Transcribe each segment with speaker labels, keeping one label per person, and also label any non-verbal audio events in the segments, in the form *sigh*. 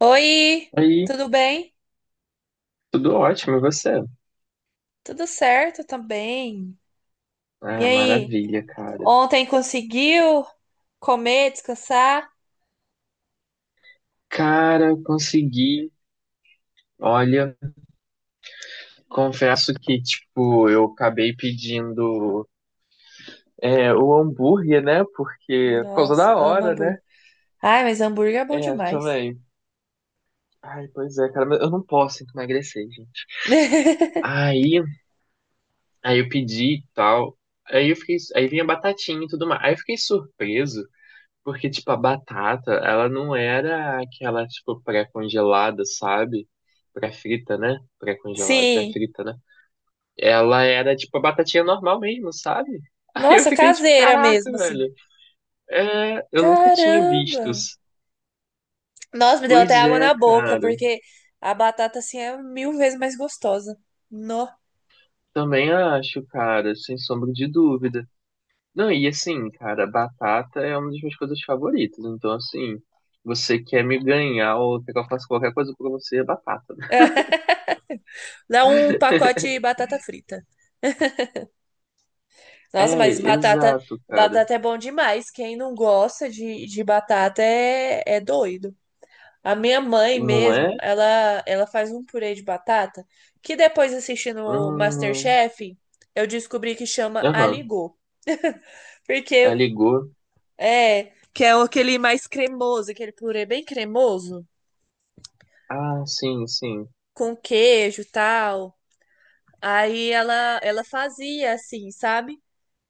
Speaker 1: Oi,
Speaker 2: Aí,
Speaker 1: tudo bem?
Speaker 2: tudo ótimo, e você?
Speaker 1: Tudo certo também. E
Speaker 2: Ah,
Speaker 1: aí,
Speaker 2: maravilha, cara.
Speaker 1: ontem conseguiu comer, descansar?
Speaker 2: Cara, consegui. Olha, confesso que, tipo, eu acabei pedindo o hambúrguer, né? Porque, por causa
Speaker 1: Nossa,
Speaker 2: da
Speaker 1: amo
Speaker 2: hora,
Speaker 1: hambúrguer.
Speaker 2: né?
Speaker 1: Ai, mas hambúrguer é bom
Speaker 2: É,
Speaker 1: demais.
Speaker 2: também. Ai, pois é, cara, mas eu não posso tem que emagrecer, gente.
Speaker 1: *laughs*
Speaker 2: Aí, aí eu pedi e tal. Aí eu fiquei, aí vinha batatinha e tudo mais. Aí eu fiquei surpreso. Porque, tipo, a batata, ela não era aquela, tipo, pré-congelada, sabe? Pré-frita, né? Pré-congelada,
Speaker 1: Sim.
Speaker 2: pré-frita, né? Ela era, tipo, a batatinha normal mesmo, sabe? *laughs* Aí eu
Speaker 1: Nossa,
Speaker 2: fiquei, tipo,
Speaker 1: caseira
Speaker 2: caraca,
Speaker 1: mesmo, assim.
Speaker 2: velho. É, eu nunca tinha
Speaker 1: Caramba!
Speaker 2: visto.
Speaker 1: Nossa, me deu até
Speaker 2: Pois
Speaker 1: água
Speaker 2: é,
Speaker 1: na boca,
Speaker 2: cara.
Speaker 1: porque a batata, assim, é mil vezes mais gostosa. No.
Speaker 2: Também acho, cara, sem sombra de dúvida. Não, e assim, cara, batata é uma das minhas coisas favoritas. Então, assim, você quer me ganhar ou quer que eu faça qualquer coisa pra você, é batata, né?
Speaker 1: *laughs* Dá um pacote de batata frita. Nossa,
Speaker 2: É,
Speaker 1: mas batata,
Speaker 2: exato, cara.
Speaker 1: batata é bom demais. Quem não gosta de batata é doido. A minha mãe
Speaker 2: Não
Speaker 1: mesmo,
Speaker 2: é?
Speaker 1: ela faz um purê de batata que depois assistindo o
Speaker 2: Hum,
Speaker 1: MasterChef, eu descobri que chama
Speaker 2: aham.
Speaker 1: aligot.
Speaker 2: Aí
Speaker 1: Porque
Speaker 2: ligou.
Speaker 1: é, que é aquele mais cremoso, aquele purê bem cremoso,
Speaker 2: Ah, sim, sim,
Speaker 1: com queijo e tal. Aí ela fazia assim, sabe?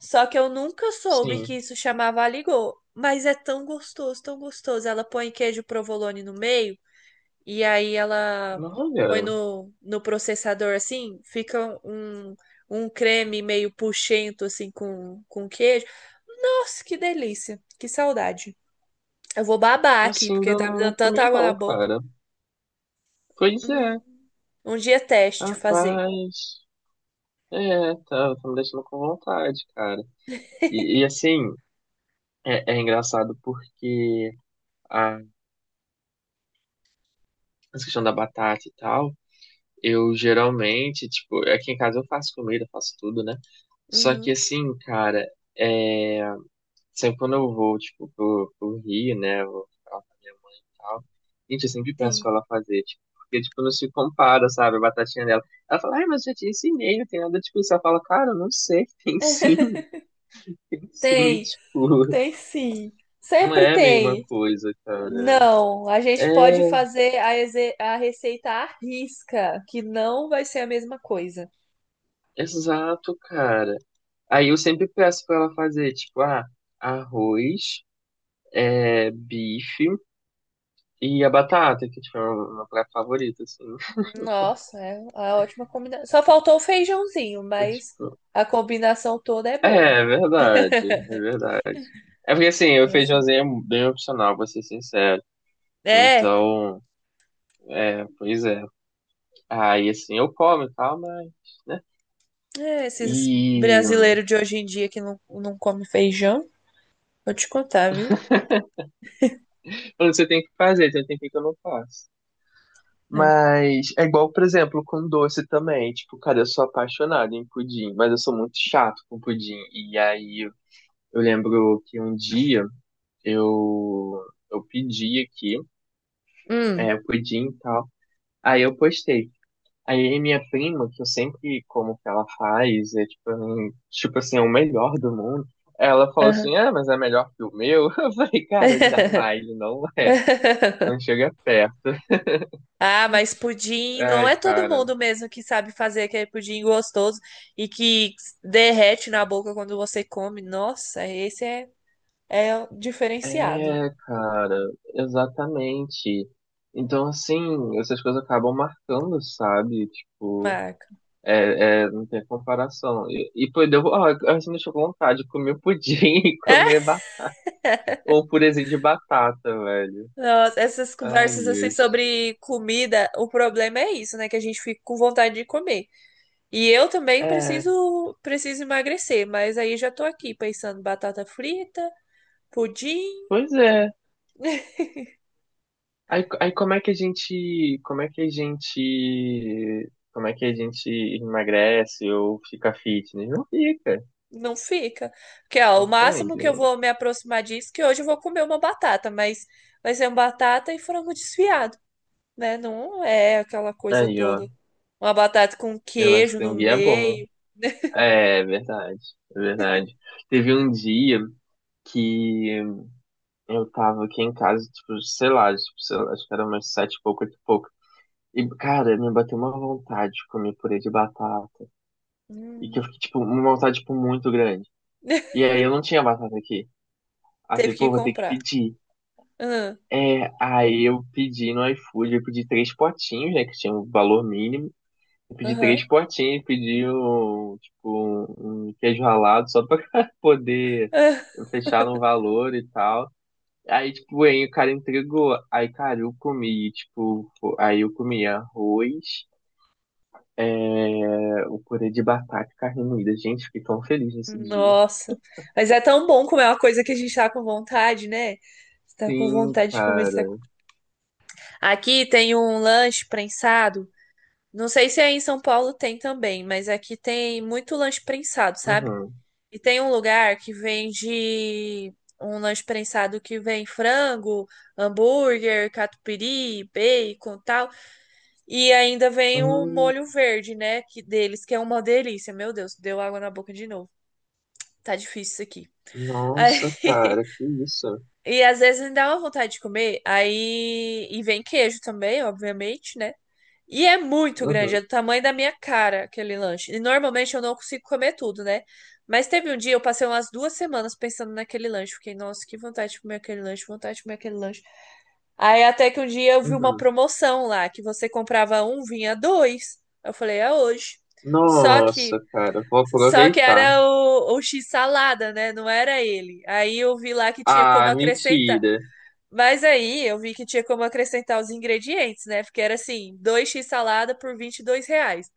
Speaker 1: Só que eu nunca soube que
Speaker 2: sim.
Speaker 1: isso chamava aligô. Mas é tão gostoso, tão gostoso. Ela põe queijo provolone no meio e aí ela
Speaker 2: Não,
Speaker 1: põe
Speaker 2: olha,
Speaker 1: no processador assim, fica um creme meio puxento assim com queijo. Nossa, que delícia, que saudade. Eu vou babar aqui
Speaker 2: assim
Speaker 1: porque
Speaker 2: ainda
Speaker 1: tá me
Speaker 2: não
Speaker 1: dando tanta
Speaker 2: comi
Speaker 1: água na
Speaker 2: não,
Speaker 1: boca.
Speaker 2: cara. Pois
Speaker 1: Hum,
Speaker 2: é,
Speaker 1: Um dia teste fazer.
Speaker 2: rapaz. É, tá, tá me deixando com vontade, cara. E assim, é engraçado porque a essa questão da batata e tal, eu geralmente, tipo, aqui em casa eu faço comida, faço tudo, né? Só que
Speaker 1: Uhum,
Speaker 2: assim, cara, é, sempre quando eu vou, tipo, pro Rio, né, eu vou ficar lá com a minha mãe e tal, gente, eu sempre peço pra
Speaker 1: sim.
Speaker 2: ela fazer, tipo, porque, tipo, não se compara, sabe, a batatinha dela. Ela fala, ai, mas eu já te ensinei, não tem nada tipo isso. Ela fala, cara, eu não sei, tem sim,
Speaker 1: *laughs*
Speaker 2: *laughs* tem sim,
Speaker 1: Tem.
Speaker 2: tipo,
Speaker 1: Tem sim.
Speaker 2: não
Speaker 1: Sempre
Speaker 2: é a mesma
Speaker 1: tem.
Speaker 2: coisa, cara.
Speaker 1: Não, a gente pode
Speaker 2: É,
Speaker 1: fazer a receita à risca, que não vai ser a mesma coisa.
Speaker 2: exato, cara. Aí eu sempre peço pra ela fazer, tipo, ah, arroz, bife e a batata, que, tipo, é uma praia favorita, assim.
Speaker 1: Nossa, é uma ótima combinação. Só faltou o feijãozinho,
Speaker 2: *laughs*
Speaker 1: mas
Speaker 2: Tipo,
Speaker 1: a combinação toda é
Speaker 2: é,
Speaker 1: boa.
Speaker 2: é verdade, é verdade. É porque assim, o
Speaker 1: Nossa.
Speaker 2: feijãozinho é bem opcional, vou ser sincero.
Speaker 1: É,
Speaker 2: Então, é, pois é. Aí assim, eu como e tal, mas, né?
Speaker 1: é, esses
Speaker 2: E
Speaker 1: brasileiros de hoje em dia que não come feijão, vou te contar, viu?
Speaker 2: quando você tem que fazer, então tem que eu não faço.
Speaker 1: É.
Speaker 2: Mas é igual, por exemplo, com doce também. Tipo, cara, eu sou apaixonado em pudim, mas eu sou muito chato com pudim. E aí eu lembro que um dia eu, eu pedi aqui,
Speaker 1: Hum.
Speaker 2: pudim e tal. Aí eu postei. Aí minha prima, que eu sempre como que ela faz, é tipo, tipo assim, é o melhor do mundo. Ela falou
Speaker 1: Aham.
Speaker 2: assim, ah, mas é melhor que o meu. *laughs* Eu falei, cara, jamais, não é, não
Speaker 1: *laughs*
Speaker 2: chega perto.
Speaker 1: Ah, mas pudim não
Speaker 2: Ai,
Speaker 1: é todo
Speaker 2: cara.
Speaker 1: mundo mesmo que sabe fazer aquele pudim gostoso e que derrete na boca quando você come. Nossa, esse é o diferenciado,
Speaker 2: É, cara, exatamente. Então, assim, essas coisas acabam marcando, sabe? Tipo,
Speaker 1: Marco.
Speaker 2: não tem comparação. E pô, deu, ó, assim, me deixou com vontade de comer pudim *laughs* e comer
Speaker 1: É?
Speaker 2: um purezinho de batata, velho.
Speaker 1: Nossa, essas
Speaker 2: Ai,
Speaker 1: conversas assim
Speaker 2: Deus.
Speaker 1: sobre comida, o problema é isso, né? Que a gente fica com vontade de comer. E eu também
Speaker 2: É,
Speaker 1: preciso emagrecer, mas aí já tô aqui pensando batata frita, pudim.
Speaker 2: pois é. Aí como é que a gente, como é que a gente, como é que a gente emagrece ou fica fitness? Não fica,
Speaker 1: Não fica. Porque, ó, o máximo
Speaker 2: entende?
Speaker 1: que eu vou me aproximar disso, é que hoje eu vou comer uma batata, mas vai ser uma batata e frango desfiado, né? Não é aquela coisa
Speaker 2: Aí, ó,
Speaker 1: toda. Uma batata com
Speaker 2: é, mas o
Speaker 1: queijo no
Speaker 2: canguia é bom.
Speaker 1: meio.
Speaker 2: É, é verdade, é verdade. Teve um dia que eu tava aqui em casa, tipo, sei lá, acho que era umas sete e pouco, oito e pouco. E, cara, me bateu uma vontade de comer purê de batata. E que eu
Speaker 1: Hum.
Speaker 2: fiquei, tipo, uma vontade, tipo, muito grande. E
Speaker 1: *laughs*
Speaker 2: aí eu não tinha batata aqui. Aí eu
Speaker 1: Teve
Speaker 2: falei,
Speaker 1: que
Speaker 2: pô, vou ter que
Speaker 1: comprar.
Speaker 2: pedir.
Speaker 1: Aham,
Speaker 2: É, aí eu pedi no iFood, eu pedi três potinhos, né, que tinha um valor mínimo. Eu pedi
Speaker 1: aham,
Speaker 2: três potinhos, pedi um, tipo, um queijo ralado só pra *laughs* poder
Speaker 1: ah.
Speaker 2: fechar no valor e tal. Aí, tipo, aí o cara entregou. Aí, cara, eu comi, tipo, aí eu comi arroz, o purê de batata e carne moída. Gente, fiquei tão feliz nesse dia.
Speaker 1: Nossa. Mas é tão bom comer uma coisa que a gente tá com vontade, né? Você tá com
Speaker 2: Sim,
Speaker 1: vontade de comer. Você tá... com-
Speaker 2: cara.
Speaker 1: Aqui tem um lanche prensado. Não sei se aí em São Paulo tem também, mas aqui tem muito lanche prensado, sabe?
Speaker 2: Uhum.
Speaker 1: E tem um lugar que vende um lanche prensado que vem frango, hambúrguer, catupiry, bacon, tal, e ainda vem o
Speaker 2: Hum,
Speaker 1: molho verde, né, que deles, que é uma delícia. Meu Deus, deu água na boca de novo. Tá difícil isso aqui. Aí,
Speaker 2: nossa,
Speaker 1: *laughs*
Speaker 2: cara, que isso.
Speaker 1: e às vezes me dá uma vontade de comer, aí e vem queijo também, obviamente, né? E é muito grande,
Speaker 2: Uhum,
Speaker 1: é do tamanho da minha cara aquele lanche. E normalmente eu não consigo comer tudo, né? Mas teve um dia, eu passei umas 2 semanas pensando naquele lanche. Fiquei, nossa, que vontade de comer aquele lanche, vontade de comer aquele lanche. Aí até que um dia eu vi uma
Speaker 2: uhum.
Speaker 1: promoção lá, que você comprava um, vinha dois. Eu falei, é hoje. Só que,
Speaker 2: Nossa, cara, vou
Speaker 1: só que
Speaker 2: aproveitar.
Speaker 1: era o X salada, né? Não era ele. Aí eu vi lá que tinha como
Speaker 2: Ah,
Speaker 1: acrescentar.
Speaker 2: mentira.
Speaker 1: Mas aí eu vi que tinha como acrescentar os ingredientes, né? Porque era assim, dois x salada por R$ 22.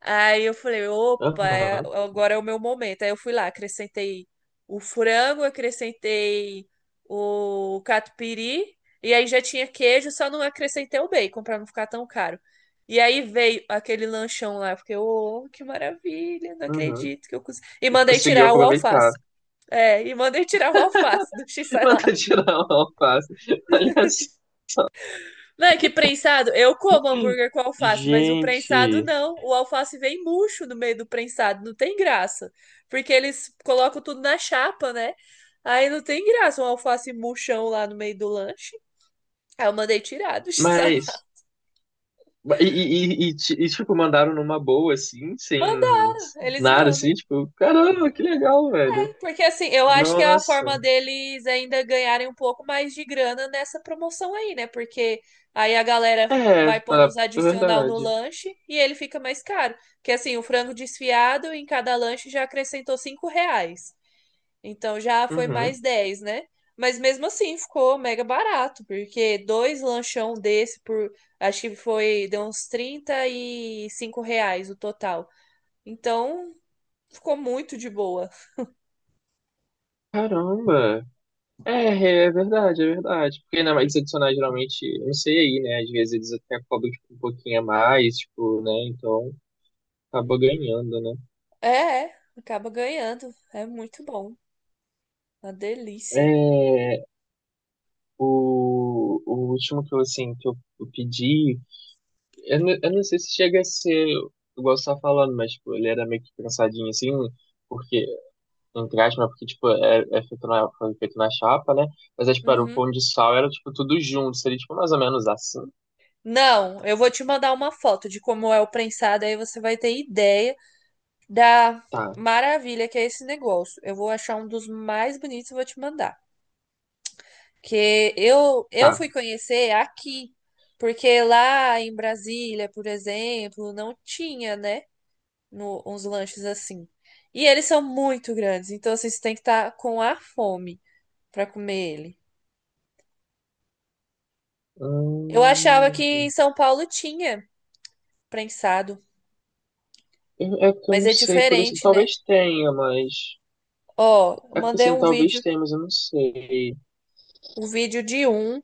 Speaker 1: Aí eu falei, opa,
Speaker 2: Aham,
Speaker 1: agora é o meu momento. Aí eu fui lá, acrescentei o frango, acrescentei o catupiry, e aí já tinha queijo, só não acrescentei o bacon para não ficar tão caro. E aí veio aquele lanchão lá, eu fiquei, oh, que maravilha, não
Speaker 2: uhum.
Speaker 1: acredito que eu consegui. E
Speaker 2: E
Speaker 1: mandei
Speaker 2: conseguiu
Speaker 1: tirar o
Speaker 2: aproveitar.
Speaker 1: alface. É, e mandei tirar o alface do x.
Speaker 2: *laughs* Manda tirar o alface. Olha só.
Speaker 1: Véi, que prensado. Eu como hambúrguer com alface, mas o prensado
Speaker 2: Gente,
Speaker 1: não. O alface vem murcho no meio do prensado, não tem graça. Porque eles colocam tudo na chapa, né? Aí não tem graça um alface murchão lá no meio do lanche. Aí eu mandei tirar do *laughs* sal.
Speaker 2: mas. E tipo, mandaram numa boa, assim, sem
Speaker 1: Mandar, eles
Speaker 2: nada, assim,
Speaker 1: mandam.
Speaker 2: tipo, caramba, que legal, velho.
Speaker 1: Porque assim, eu acho que é a forma
Speaker 2: Nossa.
Speaker 1: deles ainda ganharem um pouco mais de grana nessa promoção aí, né? Porque aí a galera
Speaker 2: É,
Speaker 1: vai pondo
Speaker 2: pra...
Speaker 1: os
Speaker 2: é
Speaker 1: adicional no
Speaker 2: verdade.
Speaker 1: lanche e ele fica mais caro. Porque assim, o frango desfiado em cada lanche já acrescentou R$ 5. Então já foi
Speaker 2: Uhum.
Speaker 1: mais 10, né? Mas mesmo assim ficou mega barato, porque dois lanchão desse por acho que foi deu uns R$ 35 o total. Então ficou muito de boa.
Speaker 2: Caramba. É, é verdade, é verdade. Porque na mais adicionais geralmente, eu não sei aí, né? Às vezes eles até cobram tipo, um pouquinho a mais, tipo, né? Então acaba ganhando, né?
Speaker 1: É, é, acaba ganhando. É muito bom. Uma delícia.
Speaker 2: É, o último que eu, assim, que eu pedi, eu, eu não sei se chega a ser igual você tá falando, mas tipo, ele era meio que pensadinho assim, porque, entre aspas, né, porque tipo, é feito na, foi feito na chapa, né? Mas é, tipo, era o
Speaker 1: Uhum.
Speaker 2: pão de sal, era tipo tudo junto, seria tipo mais ou menos assim.
Speaker 1: Não, eu vou te mandar uma foto de como é o prensado, aí você vai ter ideia da
Speaker 2: Tá,
Speaker 1: maravilha que é esse negócio. Eu vou achar um dos mais bonitos e vou te mandar. Que eu
Speaker 2: tá.
Speaker 1: fui conhecer aqui, porque lá em Brasília, por exemplo, não tinha, né, no- uns lanches assim. E eles são muito grandes, então assim, você tem que estar com a fome para comer ele. Eu achava que
Speaker 2: Hum.
Speaker 1: em São Paulo tinha prensado,
Speaker 2: É porque eu
Speaker 1: mas
Speaker 2: não
Speaker 1: é
Speaker 2: sei, por isso
Speaker 1: diferente, né?
Speaker 2: talvez tenha, mas.
Speaker 1: Ó, eu
Speaker 2: É porque
Speaker 1: mandei
Speaker 2: assim, talvez tenha, mas eu não sei.
Speaker 1: um vídeo de um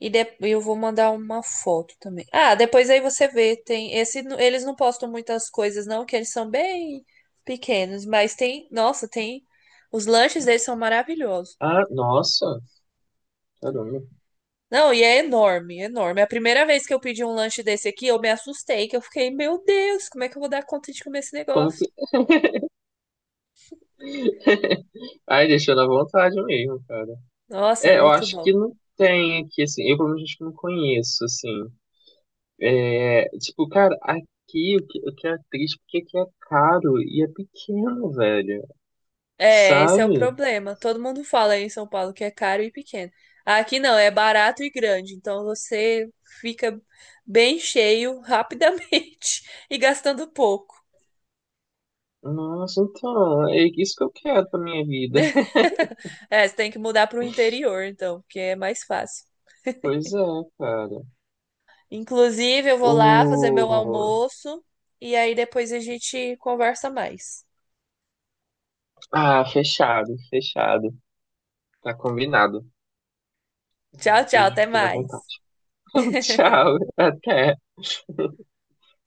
Speaker 1: eu vou mandar uma foto também. Ah, depois aí você vê, tem esse, eles não postam muitas coisas não, que eles são bem pequenos, mas tem, nossa, tem os lanches deles são maravilhosos.
Speaker 2: Ah, nossa, caramba.
Speaker 1: Não, e é enorme, enorme. É. A primeira vez que eu pedi um lanche desse aqui, eu me assustei, que eu fiquei, meu Deus, como é que eu vou dar conta de comer esse
Speaker 2: Como
Speaker 1: negócio?
Speaker 2: que. Ai, deixou na vontade mesmo, cara.
Speaker 1: Nossa, é
Speaker 2: É, eu
Speaker 1: muito
Speaker 2: acho que
Speaker 1: bom.
Speaker 2: não tem aqui, assim. Eu, pelo menos, acho que não conheço, assim. É, tipo, cara, aqui o que é triste, porque aqui é caro e é pequeno, velho.
Speaker 1: É, esse é o
Speaker 2: Sabe?
Speaker 1: problema. Todo mundo fala aí em São Paulo que é caro e pequeno. Aqui não, é barato e grande. Então você fica bem cheio rapidamente *laughs* e gastando pouco.
Speaker 2: Nossa, então, é isso que eu quero pra minha vida.
Speaker 1: Né?
Speaker 2: *laughs*
Speaker 1: *laughs* É, você tem que mudar para o interior, então, porque é mais fácil.
Speaker 2: Pois é, cara.
Speaker 1: Inclusive, eu vou lá fazer meu
Speaker 2: O.
Speaker 1: almoço e aí depois a gente conversa mais.
Speaker 2: Ah, fechado, fechado. Tá combinado. Ai,
Speaker 1: Tchau, tchau,
Speaker 2: Deus,
Speaker 1: até
Speaker 2: fiquei na
Speaker 1: mais.
Speaker 2: vontade. *laughs*
Speaker 1: *laughs*
Speaker 2: Tchau, até.